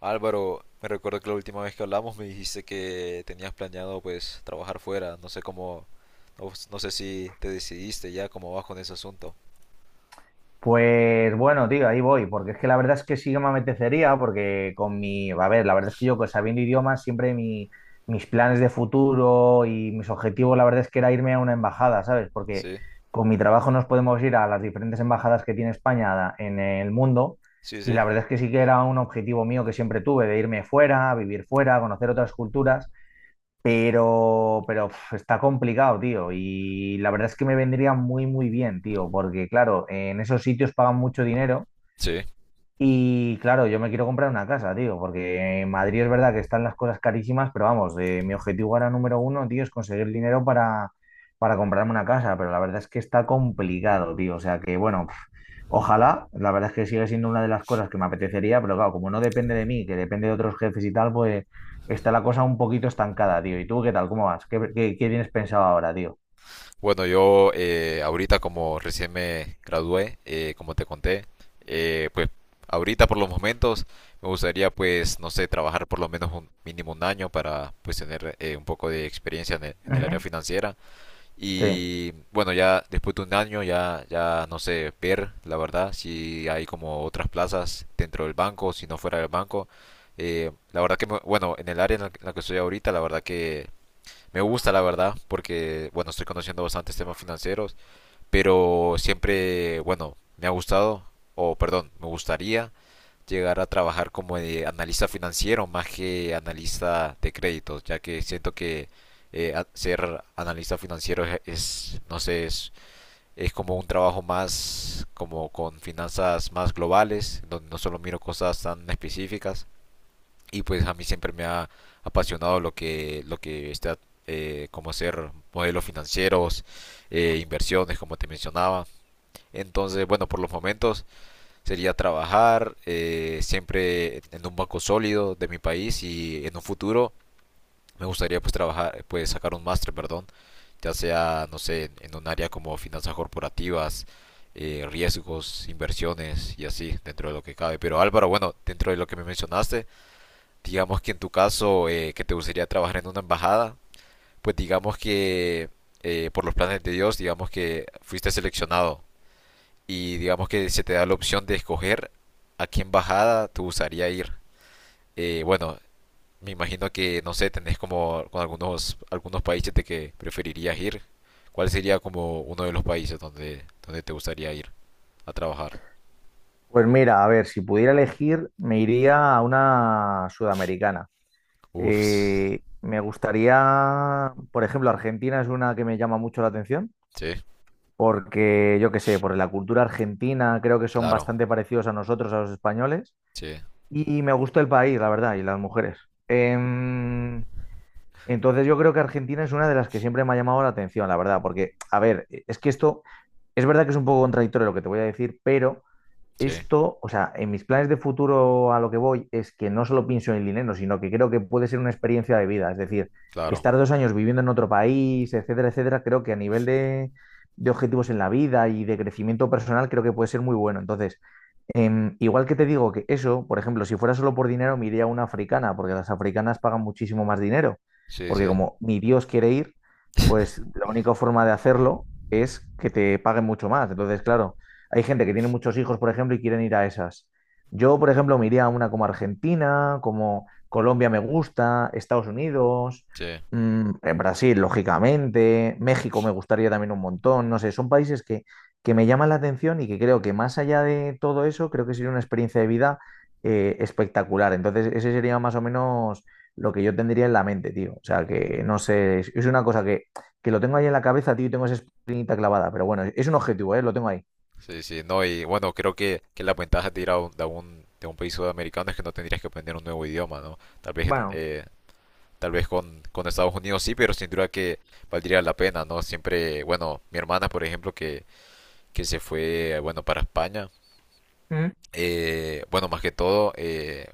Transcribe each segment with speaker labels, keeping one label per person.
Speaker 1: Álvaro, me recuerdo que la última vez que hablamos me dijiste que tenías planeado pues trabajar fuera. No sé cómo, no sé si te decidiste ya cómo vas con ese asunto.
Speaker 2: Pues bueno, tío, ahí voy, porque es que la verdad es que sí que me apetecería, porque a ver, la verdad es que yo pues, sabiendo idiomas, siempre mis planes de futuro y mis objetivos, la verdad es que era irme a una embajada, ¿sabes? Porque
Speaker 1: Sí,
Speaker 2: con mi trabajo nos podemos ir a las diferentes embajadas que tiene España en el mundo
Speaker 1: sí,
Speaker 2: y
Speaker 1: sí.
Speaker 2: la verdad es que sí que era un objetivo mío que siempre tuve, de irme fuera, vivir fuera, conocer otras culturas. Pero uf, está complicado, tío. Y la verdad es que me vendría muy, muy bien, tío, porque claro, en esos sitios pagan mucho dinero
Speaker 1: Sí.
Speaker 2: y claro, yo me quiero comprar una casa, tío, porque en Madrid es verdad que están las cosas carísimas, pero vamos, mi objetivo ahora número 1, tío, es conseguir dinero para comprarme una casa, pero la verdad es que está complicado, tío, o sea que bueno, pf, ojalá, la verdad es que sigue siendo una de las cosas que me apetecería, pero claro, como no depende de mí, que depende de otros jefes y tal, pues está la cosa un poquito estancada, tío. ¿Y tú qué tal? ¿Cómo vas? ¿Qué, qué tienes pensado ahora, tío?
Speaker 1: Bueno, yo ahorita como recién me gradué, como te conté, pues ahorita por los momentos me gustaría pues, no sé, trabajar por lo menos un mínimo un año para pues tener un poco de experiencia en el
Speaker 2: Ujú.
Speaker 1: área financiera.
Speaker 2: Sí.
Speaker 1: Y bueno, ya después de un año ya, ya no sé ver, la verdad, si hay como otras plazas dentro del banco, si no fuera del banco. La verdad que, bueno, en el área en la que estoy ahorita, la verdad que me gusta, la verdad, porque, bueno, estoy conociendo bastantes temas financieros, pero siempre, bueno, me ha gustado, o perdón, me gustaría llegar a trabajar como de analista financiero más que analista de créditos, ya que siento que ser analista financiero no sé, es como un trabajo más como con finanzas más globales, donde no solo miro cosas tan específicas. Y pues a mí siempre me ha apasionado lo que está como hacer modelos financieros, inversiones, como te mencionaba. Entonces, bueno, por los momentos sería trabajar siempre en un banco sólido de mi país y en un futuro me gustaría pues trabajar, pues sacar un máster, perdón, ya sea, no sé, en un área como finanzas corporativas, riesgos, inversiones y así, dentro de lo que cabe. Pero Álvaro, bueno, dentro de lo que me mencionaste, digamos que en tu caso que te gustaría trabajar en una embajada, pues digamos que por los planes de Dios, digamos que fuiste seleccionado y digamos que se te da la opción de escoger a qué embajada te gustaría ir. Bueno, me imagino que, no sé, tenés como con algunos países de que preferirías ir. ¿Cuál sería como uno de los países donde, donde te gustaría ir a trabajar?
Speaker 2: Pues mira, a ver, si pudiera elegir, me iría a una sudamericana.
Speaker 1: Uf,
Speaker 2: Me gustaría, por ejemplo, Argentina es una que me llama mucho la atención,
Speaker 1: sí,
Speaker 2: porque yo qué sé, por la cultura argentina creo que son
Speaker 1: claro,
Speaker 2: bastante parecidos a nosotros, a los españoles,
Speaker 1: sí,
Speaker 2: y me gusta el país, la verdad, y las mujeres. Em, entonces yo creo que Argentina es una de las que siempre me ha llamado la atención, la verdad, porque, a ver, es que esto es verdad que es un poco contradictorio lo que te voy a decir, pero
Speaker 1: sí,
Speaker 2: esto, o sea, en mis planes de futuro a lo que voy es que no solo pienso en el dinero, sino que creo que puede ser una experiencia de vida. Es decir,
Speaker 1: claro,
Speaker 2: estar 2 años viviendo en otro país, etcétera, etcétera, creo que a nivel de objetivos en la vida y de crecimiento personal, creo que puede ser muy bueno. Entonces, igual que te digo que eso, por ejemplo, si fuera solo por dinero, me iría a una africana, porque las africanas pagan muchísimo más dinero.
Speaker 1: sí,
Speaker 2: Porque
Speaker 1: sí,
Speaker 2: como mi Dios quiere ir, pues la única forma de hacerlo es que te paguen mucho más. Entonces, claro. Hay gente que tiene muchos hijos, por ejemplo, y quieren ir a esas. Yo, por ejemplo, me iría a una como Argentina, como Colombia me gusta, Estados Unidos,
Speaker 1: sí,
Speaker 2: mm, Brasil, lógicamente, México me gustaría también un montón, no sé, son países que me llaman la atención y que creo que más allá de todo eso, creo que sería una experiencia de vida espectacular. Entonces, ese sería más o menos lo que yo tendría en la mente, tío. O sea, que no sé, es una cosa que lo tengo ahí en la cabeza, tío, y tengo esa espinita clavada, pero bueno, es un objetivo, ¿eh? Lo tengo ahí.
Speaker 1: sí, sí. No, y bueno, creo que las ventajas de ir a de un país sudamericano es que no tendrías que aprender un nuevo idioma, ¿no? Tal vez
Speaker 2: Bueno.
Speaker 1: tal vez con Estados Unidos sí, pero sin duda que valdría la pena, ¿no? Siempre, bueno, mi hermana, por ejemplo, que se fue, bueno, para España,
Speaker 2: ¿Mm?
Speaker 1: bueno, más que todo,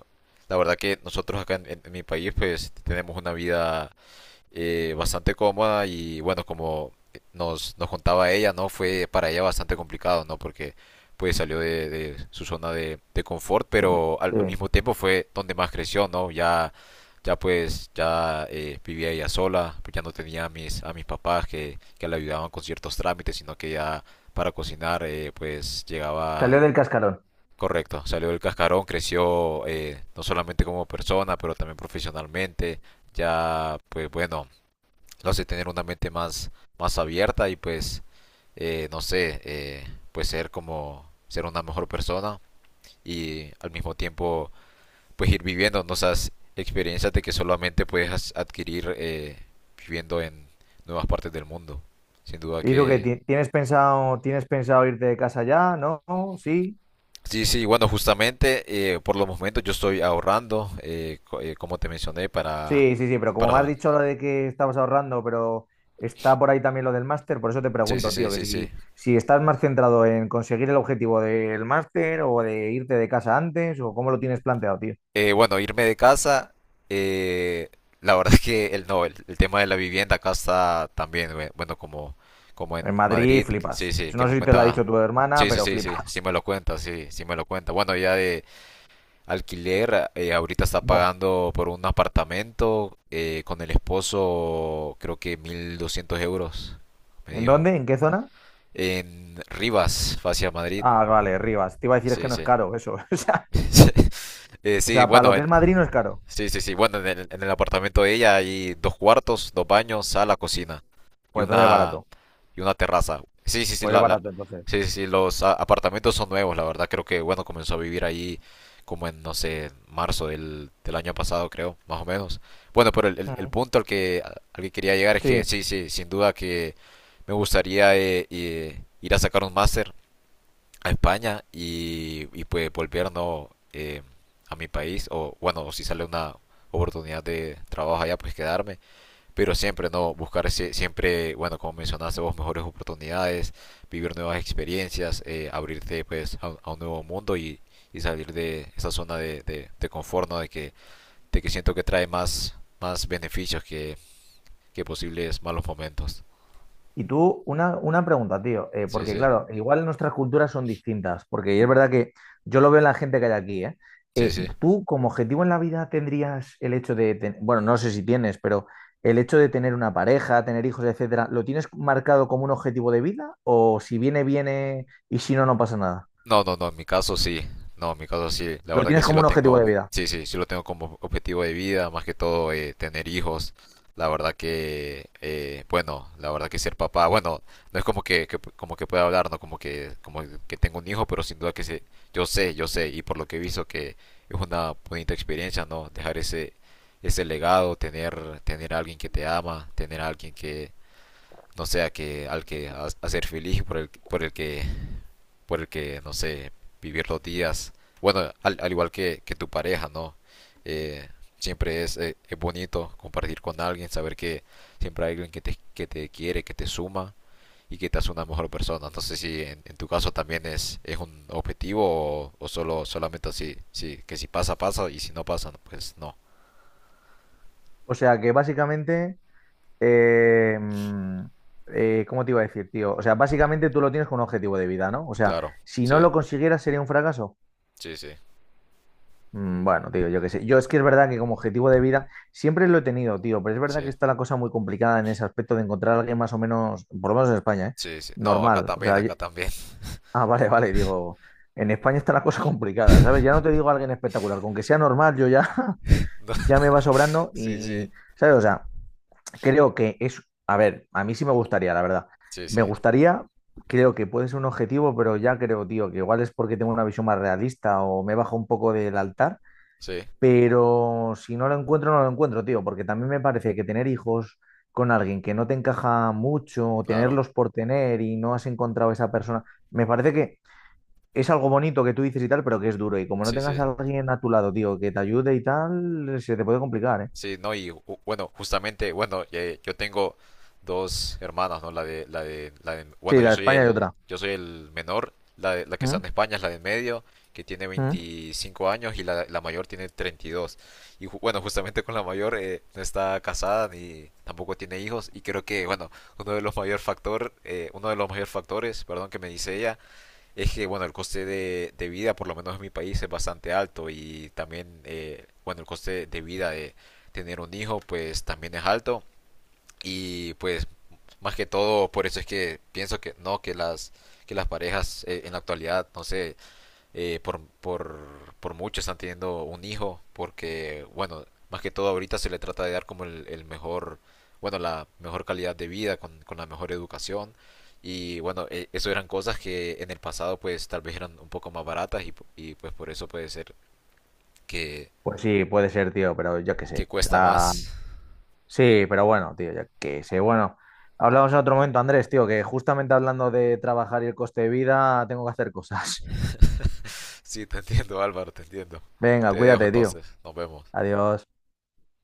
Speaker 1: la verdad que nosotros acá en mi país, pues tenemos una vida bastante cómoda y bueno, como nos contaba ella, ¿no? Fue para ella bastante complicado, ¿no? Porque pues salió de su zona de confort, pero al
Speaker 2: Sí,
Speaker 1: mismo tiempo fue donde más creció, ¿no? Ya, ya pues, ya vivía ella sola, pues ya no tenía a a mis papás que le ayudaban con ciertos trámites, sino que ya para cocinar, pues
Speaker 2: salió
Speaker 1: llegaba...
Speaker 2: del cascarón.
Speaker 1: Correcto, salió del cascarón, creció no solamente como persona, pero también profesionalmente. Ya, pues bueno, lo hace tener una mente más, más abierta y pues, no sé, pues ser como, ser una mejor persona y al mismo tiempo pues ir viviendo, ¿no?, esas experiencias de que solamente puedes adquirir viviendo en nuevas partes del mundo. Sin duda
Speaker 2: ¿Y tú qué?
Speaker 1: que...
Speaker 2: Tienes pensado irte de casa ya? ¿No? ¿Sí?
Speaker 1: Sí, sí, bueno, justamente por los momentos yo estoy ahorrando, como te mencioné,
Speaker 2: Sí, sí, sí, pero como me has
Speaker 1: para...
Speaker 2: dicho lo de que estabas ahorrando, pero está por ahí también lo del máster, por eso te
Speaker 1: Sí, sí,
Speaker 2: pregunto,
Speaker 1: sí,
Speaker 2: tío, que
Speaker 1: sí, sí.
Speaker 2: si, si estás más centrado en conseguir el objetivo del máster o de irte de casa antes, o cómo lo tienes planteado, tío.
Speaker 1: Bueno, irme de casa, eh, la verdad es que el, no, el tema de la vivienda acá está también, bueno, como, como en
Speaker 2: En Madrid
Speaker 1: Madrid,
Speaker 2: flipas.
Speaker 1: sí, sí, que
Speaker 2: No
Speaker 1: me
Speaker 2: sé si te lo ha
Speaker 1: cuenta,
Speaker 2: dicho tu hermana,
Speaker 1: sí, sí,
Speaker 2: pero
Speaker 1: sí, sí, sí
Speaker 2: flipas.
Speaker 1: me lo cuenta, sí, sí me lo cuenta. Bueno, ya de alquiler, ahorita está
Speaker 2: Buah.
Speaker 1: pagando por un apartamento con el esposo, creo que 1.200 euros, me
Speaker 2: ¿En
Speaker 1: dijo,
Speaker 2: dónde? ¿En qué zona?
Speaker 1: en Rivas, hacia Madrid,
Speaker 2: Ah, vale, Rivas. Te iba a decir es que
Speaker 1: sí,
Speaker 2: no es
Speaker 1: sí.
Speaker 2: caro eso. O
Speaker 1: Sí,
Speaker 2: sea, para
Speaker 1: bueno,
Speaker 2: lo que es
Speaker 1: el-
Speaker 2: Madrid no es caro.
Speaker 1: sí, sí, sí. Bueno, en el apartamento de ella hay dos cuartos, dos baños, sala, cocina y
Speaker 2: Pues entonces es
Speaker 1: una
Speaker 2: barato.
Speaker 1: y una terraza. Sí, sí, sí,
Speaker 2: Pues es
Speaker 1: la-
Speaker 2: barato entonces.
Speaker 1: sí, sí, sí, los apartamentos son nuevos, la verdad. Creo que, bueno, comenzó a vivir ahí como en, no sé, marzo del, del año pasado, creo, más o menos. Bueno, pero el, el
Speaker 2: Ujú.
Speaker 1: punto al que quería llegar es que
Speaker 2: Sí.
Speaker 1: sí, sí, sin duda que me gustaría ir a sacar un máster a España y pues volvernos a mi país o bueno, o si sale una oportunidad de trabajo allá, pues quedarme, pero siempre no buscar siempre, bueno, como mencionaste vos, mejores oportunidades, vivir nuevas experiencias, abrirte pues a un nuevo mundo y salir de esa zona de confort, ¿no? De que siento que trae más, más beneficios que posibles malos momentos.
Speaker 2: Y tú, una pregunta, tío,
Speaker 1: Sí,
Speaker 2: porque
Speaker 1: sí,
Speaker 2: claro, igual nuestras culturas son distintas, porque es verdad que yo lo veo en la gente que hay aquí, ¿eh?
Speaker 1: sí, sí.
Speaker 2: Tú como objetivo en la vida tendrías el hecho de, bueno, no sé si tienes, pero el hecho de tener una pareja, tener hijos, etcétera, ¿lo tienes marcado como un objetivo de vida? ¿O si viene, viene y si no, no pasa nada?
Speaker 1: No, no, no, en mi caso sí. No, en mi caso sí. La
Speaker 2: ¿Lo
Speaker 1: verdad que
Speaker 2: tienes
Speaker 1: sí
Speaker 2: como
Speaker 1: lo
Speaker 2: un objetivo de
Speaker 1: tengo.
Speaker 2: vida?
Speaker 1: Sí, sí, sí lo tengo como objetivo de vida, más que todo tener hijos. La verdad que, bueno, la verdad que ser papá, bueno, no es como que, como que pueda hablar, no como que, como que tengo un hijo, pero sin duda que sé, yo sé, yo sé, y por lo que he visto que es una bonita experiencia, ¿no? Dejar ese, ese legado, tener, tener a alguien que te ama, tener a alguien que, no sea que, hacer feliz, por el que, no sé, vivir los días. Bueno, al, al igual que tu pareja, ¿no? Eh, siempre es bonito compartir con alguien, saber que siempre hay alguien que te quiere, que te suma y que te hace una mejor persona. No sé si en, en tu caso también es un objetivo o solo solamente así, sí, que si pasa, pasa y si no pasa, no, pues no.
Speaker 2: O sea que básicamente. Eh, mm, ¿Cómo te iba a decir, tío? O sea, básicamente tú lo tienes con un objetivo de vida, ¿no? O sea,
Speaker 1: Claro,
Speaker 2: si
Speaker 1: sí,
Speaker 2: no lo consiguieras sería un fracaso.
Speaker 1: sí, sí,
Speaker 2: Bueno, tío, yo qué sé. Yo es que es verdad que como objetivo de vida siempre lo he tenido, tío, pero es verdad que
Speaker 1: sí,
Speaker 2: está la cosa muy complicada en ese aspecto de encontrar a alguien más o menos, por lo menos en España, ¿eh?
Speaker 1: sí, sí. No, acá
Speaker 2: Normal. O
Speaker 1: también,
Speaker 2: sea, yo-
Speaker 1: acá también.
Speaker 2: ah, vale, vale, digo, en España está la cosa complicada, ¿sabes? Ya no te digo a alguien espectacular, con que sea normal, yo ya,
Speaker 1: No,
Speaker 2: ya me va sobrando
Speaker 1: sí, sí,
Speaker 2: y, ¿sabes? O sea, creo que es, a ver, a mí sí me gustaría, la verdad.
Speaker 1: sí, sí,
Speaker 2: Me gustaría, creo que puede ser un objetivo, pero ya creo, tío, que igual es porque tengo una visión más realista o me bajo un poco del altar,
Speaker 1: sí,
Speaker 2: pero si no lo encuentro, no lo encuentro, tío, porque también me parece que tener hijos con alguien que no te encaja mucho, o
Speaker 1: claro,
Speaker 2: tenerlos por tener y no has encontrado esa persona, me parece que es algo bonito que tú dices y tal, pero que es duro. Y como no
Speaker 1: sí,
Speaker 2: tengas
Speaker 1: sí.
Speaker 2: a alguien a tu lado, tío, que te ayude y tal, se te puede complicar, ¿eh?
Speaker 1: Sí, no, bueno, justamente, bueno, yo tengo dos hermanas, ¿no?
Speaker 2: Sí,
Speaker 1: Bueno,
Speaker 2: la de España y otra.
Speaker 1: yo soy el menor, la que está
Speaker 2: ¿Mm?
Speaker 1: en España es la de en medio, que tiene
Speaker 2: ¿Mm?
Speaker 1: 25 años y la mayor tiene 32. Y dos. Y bueno, justamente con la mayor no está casada ni tampoco tiene hijos y creo que, bueno, uno de los mayor factor, uno de los mayor factores, perdón, que me dice ella es que, bueno, el coste de vida, por lo menos en mi país, es bastante alto y también, bueno, el coste de vida de tener un hijo, pues también es alto y pues más que todo por eso es que pienso que no, que las parejas en la actualidad, no sé, eh, por, por, por mucho están teniendo un hijo, porque, bueno, más que todo ahorita se le trata de dar como el mejor, bueno, la mejor calidad de vida, con la mejor educación. Y bueno, eso eran cosas que en el pasado pues tal vez eran un poco más baratas y, pues por eso puede ser que,
Speaker 2: Pues sí, puede ser, tío, pero yo qué
Speaker 1: que
Speaker 2: sé. O
Speaker 1: cuesta
Speaker 2: sea,
Speaker 1: más.
Speaker 2: sí, pero bueno, tío, yo qué sé. Bueno, hablamos en otro momento, Andrés, tío, que justamente hablando de trabajar y el coste de vida, tengo que hacer cosas.
Speaker 1: Sí, te entiendo, Álvaro, te entiendo.
Speaker 2: Venga,
Speaker 1: Te dejo
Speaker 2: cuídate, tío.
Speaker 1: entonces, nos vemos.
Speaker 2: Adiós.